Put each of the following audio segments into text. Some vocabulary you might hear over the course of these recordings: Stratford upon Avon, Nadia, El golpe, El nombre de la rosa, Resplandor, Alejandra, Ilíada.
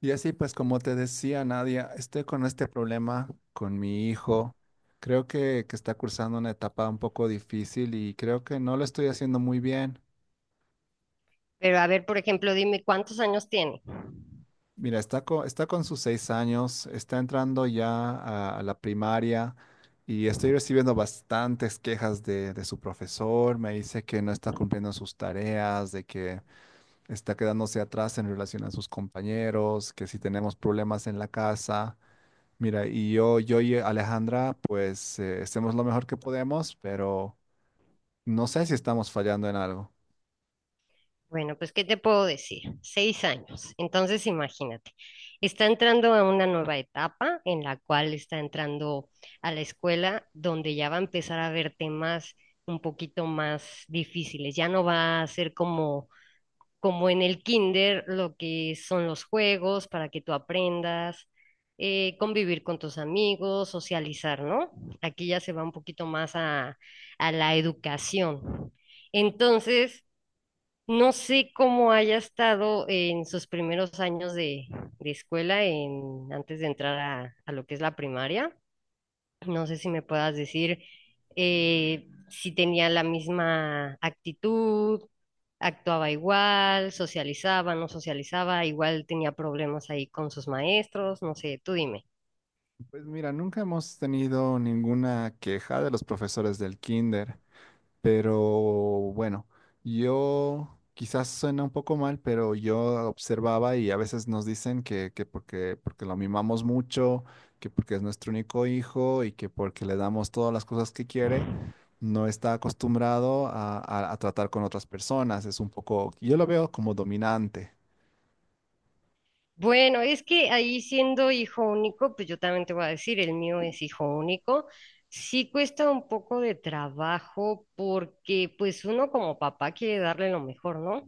Y así pues como te decía Nadia, estoy con este problema con mi hijo. Creo que está cursando una etapa un poco difícil y creo que no lo estoy haciendo muy bien. Pero a ver, por ejemplo, dime cuántos años tiene. Mira, está con sus 6 años, está entrando ya a la primaria y estoy recibiendo bastantes quejas de su profesor. Me dice que no está cumpliendo sus tareas, de que está quedándose atrás en relación a sus compañeros, que si tenemos problemas en la casa. Mira, y yo y Alejandra, pues hacemos lo mejor que podemos, pero no sé si estamos fallando en algo. Bueno, pues, ¿qué te puedo decir? 6 años. Entonces, imagínate, está entrando a una nueva etapa en la cual está entrando a la escuela donde ya va a empezar a ver temas un poquito más difíciles. Ya no va a ser como, en el kinder lo que son los juegos para que tú aprendas, convivir con tus amigos, socializar, ¿no? Aquí ya se va un poquito más a, la educación. Entonces... No sé cómo haya estado en sus primeros años de, escuela en, antes de entrar a lo que es la primaria. No sé si me puedas decir si tenía la misma actitud, actuaba igual, socializaba, no socializaba, igual tenía problemas ahí con sus maestros, no sé, tú dime. Pues mira, nunca hemos tenido ninguna queja de los profesores del kinder. Pero bueno, yo quizás suena un poco mal, pero yo observaba y a veces nos dicen que porque lo mimamos mucho, que porque es nuestro único hijo y que porque le damos todas las cosas que quiere, no está acostumbrado a tratar con otras personas. Es un poco, yo lo veo como dominante. Bueno, es que ahí siendo hijo único, pues yo también te voy a decir, el mío es hijo único. Sí cuesta un poco de trabajo porque pues uno como papá quiere darle lo mejor, ¿no?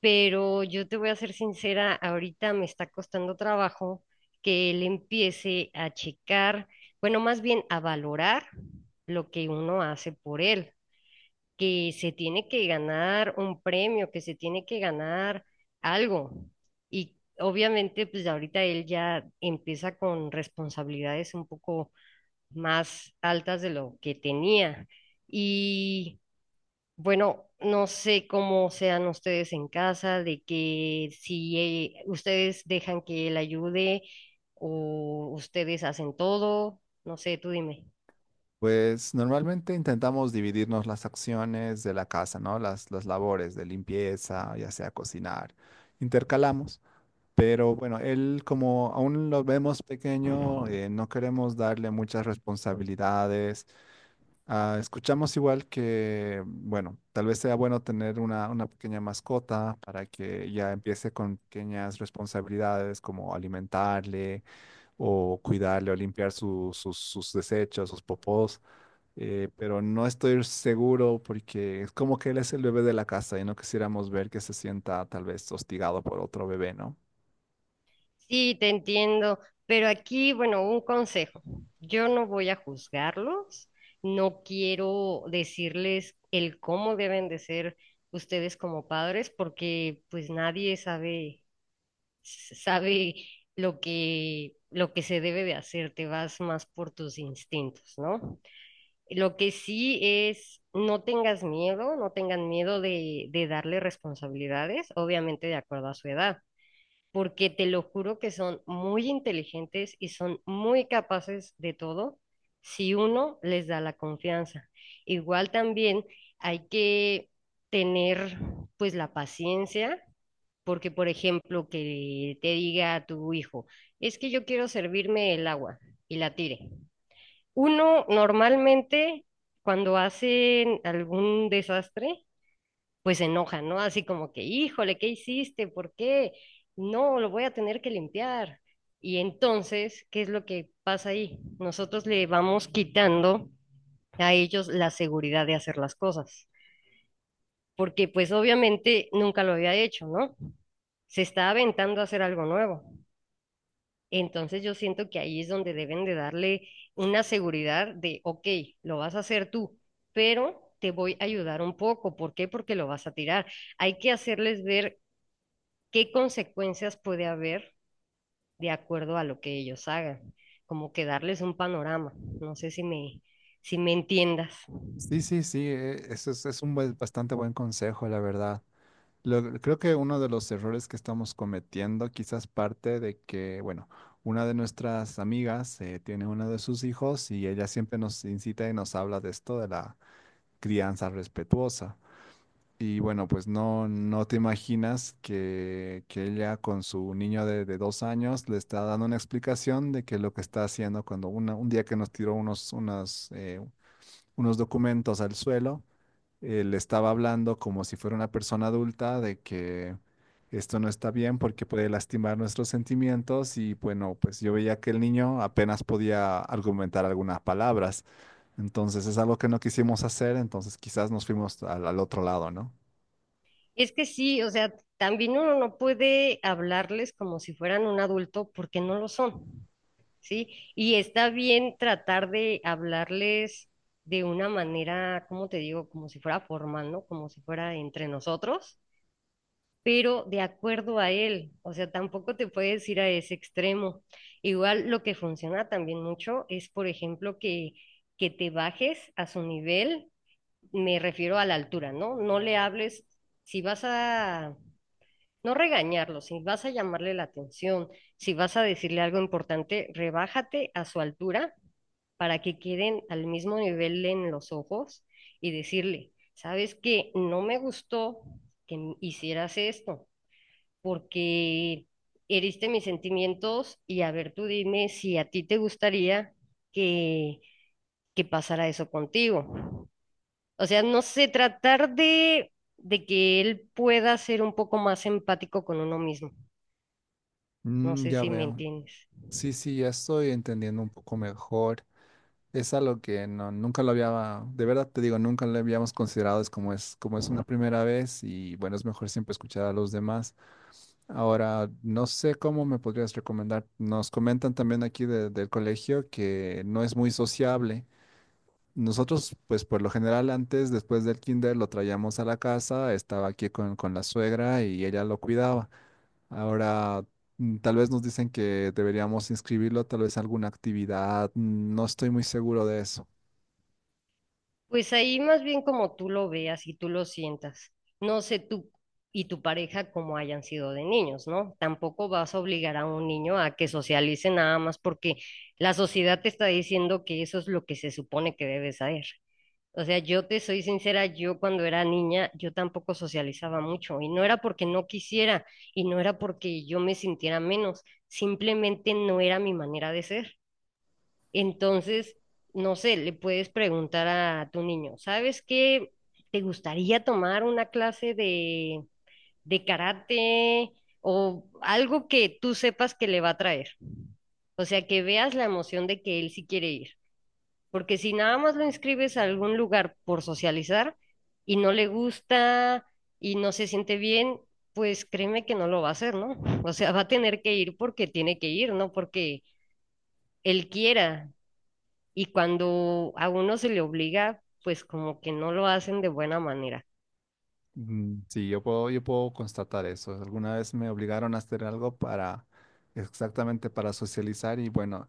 Pero yo te voy a ser sincera, ahorita me está costando trabajo que él empiece a checar, bueno, más bien a valorar lo que uno hace por él que se tiene que ganar un premio, que se tiene que ganar algo. Y obviamente, pues ahorita él ya empieza con responsabilidades un poco más altas de lo que tenía. Y bueno, no sé cómo sean ustedes en casa, de que si ustedes dejan que él ayude o ustedes hacen todo, no sé, tú dime. Pues normalmente intentamos dividirnos las acciones de la casa, ¿no? Las labores de limpieza, ya sea cocinar. Intercalamos. Pero bueno, él como aún lo vemos pequeño, no queremos darle muchas responsabilidades. Ah, escuchamos igual que, bueno, tal vez sea bueno tener una pequeña mascota para que ya empiece con pequeñas responsabilidades como alimentarle o cuidarle o limpiar sus desechos, sus popós. Pero no estoy seguro porque es como que él es el bebé de la casa y no quisiéramos ver que se sienta tal vez hostigado por otro bebé, ¿no? Sí, te entiendo, pero aquí, bueno, un consejo. Yo no voy a juzgarlos, no quiero decirles el cómo deben de ser ustedes como padres, porque pues nadie sabe, sabe lo que, se debe de hacer, te vas más por tus instintos, ¿no? Lo que sí es, no tengas miedo, no tengan miedo de darle responsabilidades, obviamente de acuerdo a su edad porque te lo juro que son muy inteligentes y son muy capaces de todo si uno les da la confianza. Igual también hay que tener pues la paciencia, porque por ejemplo que te diga a tu hijo, es que yo quiero servirme el agua y la tire. Uno normalmente cuando hacen algún desastre, pues se enoja, ¿no? Así como que, híjole, ¿qué hiciste? ¿Por qué? No, lo voy a tener que limpiar. Y entonces, ¿qué es lo que pasa ahí? Nosotros le vamos quitando a ellos la seguridad de hacer las cosas, porque pues obviamente nunca lo había hecho, ¿no? Se está aventando a hacer algo nuevo. Entonces yo siento que ahí es donde deben de darle una seguridad de, ok, lo vas a hacer tú, pero te voy a ayudar un poco. ¿Por qué? Porque lo vas a tirar. Hay que hacerles ver qué consecuencias puede haber de acuerdo a lo que ellos hagan, como que darles un panorama, no sé si me entiendas. Sí, sí, sí, eso es un buen- bastante buen consejo, la verdad. Lo- creo que uno de los errores que estamos cometiendo, quizás parte de que, bueno, una de nuestras amigas tiene uno de sus hijos y ella siempre nos incita y nos habla de esto, de la crianza respetuosa. Y bueno, pues no, no te imaginas que ella con su niño de 2 años le está dando una explicación de que lo que está haciendo cuando una- un día que nos tiró unos, unas, unos documentos al suelo le estaba hablando como si fuera una persona adulta de que esto no está bien porque puede lastimar nuestros sentimientos y bueno, pues yo veía que el niño apenas podía argumentar algunas palabras. Entonces es algo que no quisimos hacer, entonces quizás nos fuimos al otro lado, ¿no? Es que sí, o sea, también uno no puede hablarles como si fueran un adulto porque no lo son, ¿sí? Y está bien tratar de hablarles de una manera, ¿cómo te digo? Como si fuera formal, ¿no? Como si fuera entre nosotros pero de acuerdo a él, o sea, tampoco te puedes ir a ese extremo. Igual lo que funciona también mucho es, por ejemplo, que, te bajes a su nivel, me refiero a la altura, ¿no? No le hables, si vas a, no regañarlo, si vas a llamarle la atención, si vas a decirle algo importante, rebájate a su altura para que queden al mismo nivel en los ojos y decirle, ¿sabes qué? No me gustó que hicieras esto porque heriste mis sentimientos y a ver, tú dime si a ti te gustaría que, que, pasara eso contigo. O sea, no sé, tratar de que él pueda ser un poco más empático con uno mismo. No Mm, sé ya si me veo. entiendes. Sí, sí, ya estoy entendiendo un poco mejor. Es algo que no, nunca lo había, de verdad te digo, nunca lo habíamos considerado, es como es, como es una primera vez y bueno, es mejor siempre escuchar a los demás. Ahora, no sé cómo me podrías recomendar. Nos comentan también aquí de- del colegio que no es muy sociable. Nosotros, pues por lo general antes, después del kinder, lo traíamos a la casa, estaba aquí con la suegra y ella lo cuidaba. Ahora, mm, tal vez nos dicen que deberíamos inscribirlo, tal vez a alguna actividad. No estoy muy seguro de eso. Pues ahí más bien como tú lo veas y tú lo sientas. No sé tú y tu pareja cómo hayan sido de niños, ¿no? Tampoco vas a obligar a un niño a que socialice nada más porque la sociedad te está diciendo que eso es lo que se supone que debes hacer. O sea, yo te soy sincera, yo cuando era niña, yo tampoco socializaba mucho y no era porque no quisiera y no era porque yo me sintiera menos, simplemente no era mi manera de ser. Entonces, no sé, le puedes preguntar a tu niño, ¿sabes qué? ¿Te gustaría tomar una clase de karate o algo que tú sepas que le va a traer? O sea, que veas la emoción de que él sí quiere ir. Porque si nada más lo inscribes a algún lugar por socializar y no le gusta y no se siente bien, pues créeme que no lo va a hacer, ¿no? O sea, va a tener que ir porque tiene que ir, no porque él quiera y cuando a uno se le obliga, pues como que no lo hacen de buena manera. Mm, sí, yo puedo constatar eso. Alguna vez me obligaron a hacer algo para, exactamente para socializar y bueno.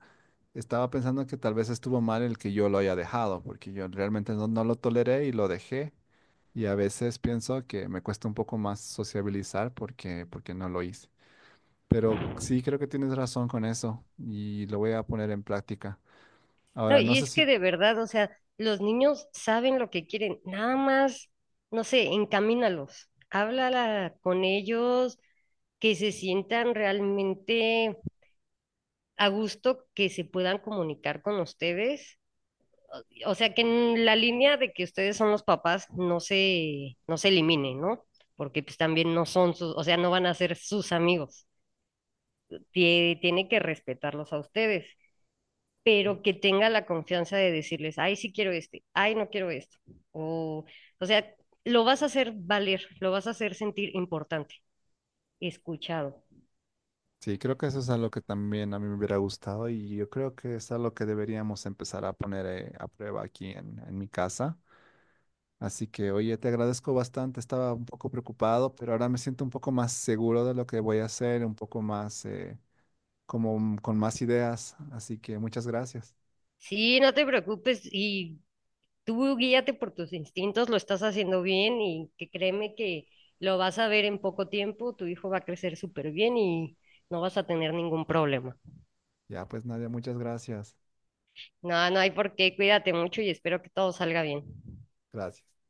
Estaba pensando que tal vez estuvo mal el que yo lo haya dejado, porque yo realmente no lo toleré y lo dejé. Y a veces pienso que me cuesta un poco más sociabilizar porque no lo hice. Pero sí creo que tienes razón con eso y lo voy a poner en práctica. No, Ahora, no y sé es que si, de verdad, o sea, los niños saben lo que quieren, nada más, no sé, encamínalos, háblala con ellos, que se sientan realmente a gusto, que se puedan comunicar con ustedes. O sea, que en la línea de que ustedes son los papás no se elimine, ¿no? Porque pues también no son sus, o sea, no van a ser sus amigos. Tiene que respetarlos a ustedes, pero que tenga la confianza de decirles, ay, sí quiero este, ay, no quiero esto. O, o sea, lo vas a hacer valer, lo vas a hacer sentir importante, escuchado. sí, creo que eso es algo que también a mí me hubiera gustado y yo creo que es algo que deberíamos empezar a poner a prueba aquí en mi casa. Así que, oye, te agradezco bastante, estaba un poco preocupado, pero ahora me siento un poco más seguro de lo que voy a hacer, un poco más, como mm, con más ideas. Así que muchas gracias. Sí, no te preocupes y tú guíate por tus instintos, lo estás haciendo bien y que créeme que lo vas a ver en poco tiempo, tu hijo va a crecer súper bien y no vas a tener ningún problema. Ya, pues Nadia, muchas gracias. No, no hay por qué, cuídate mucho y espero que todo salga bien. Gracias.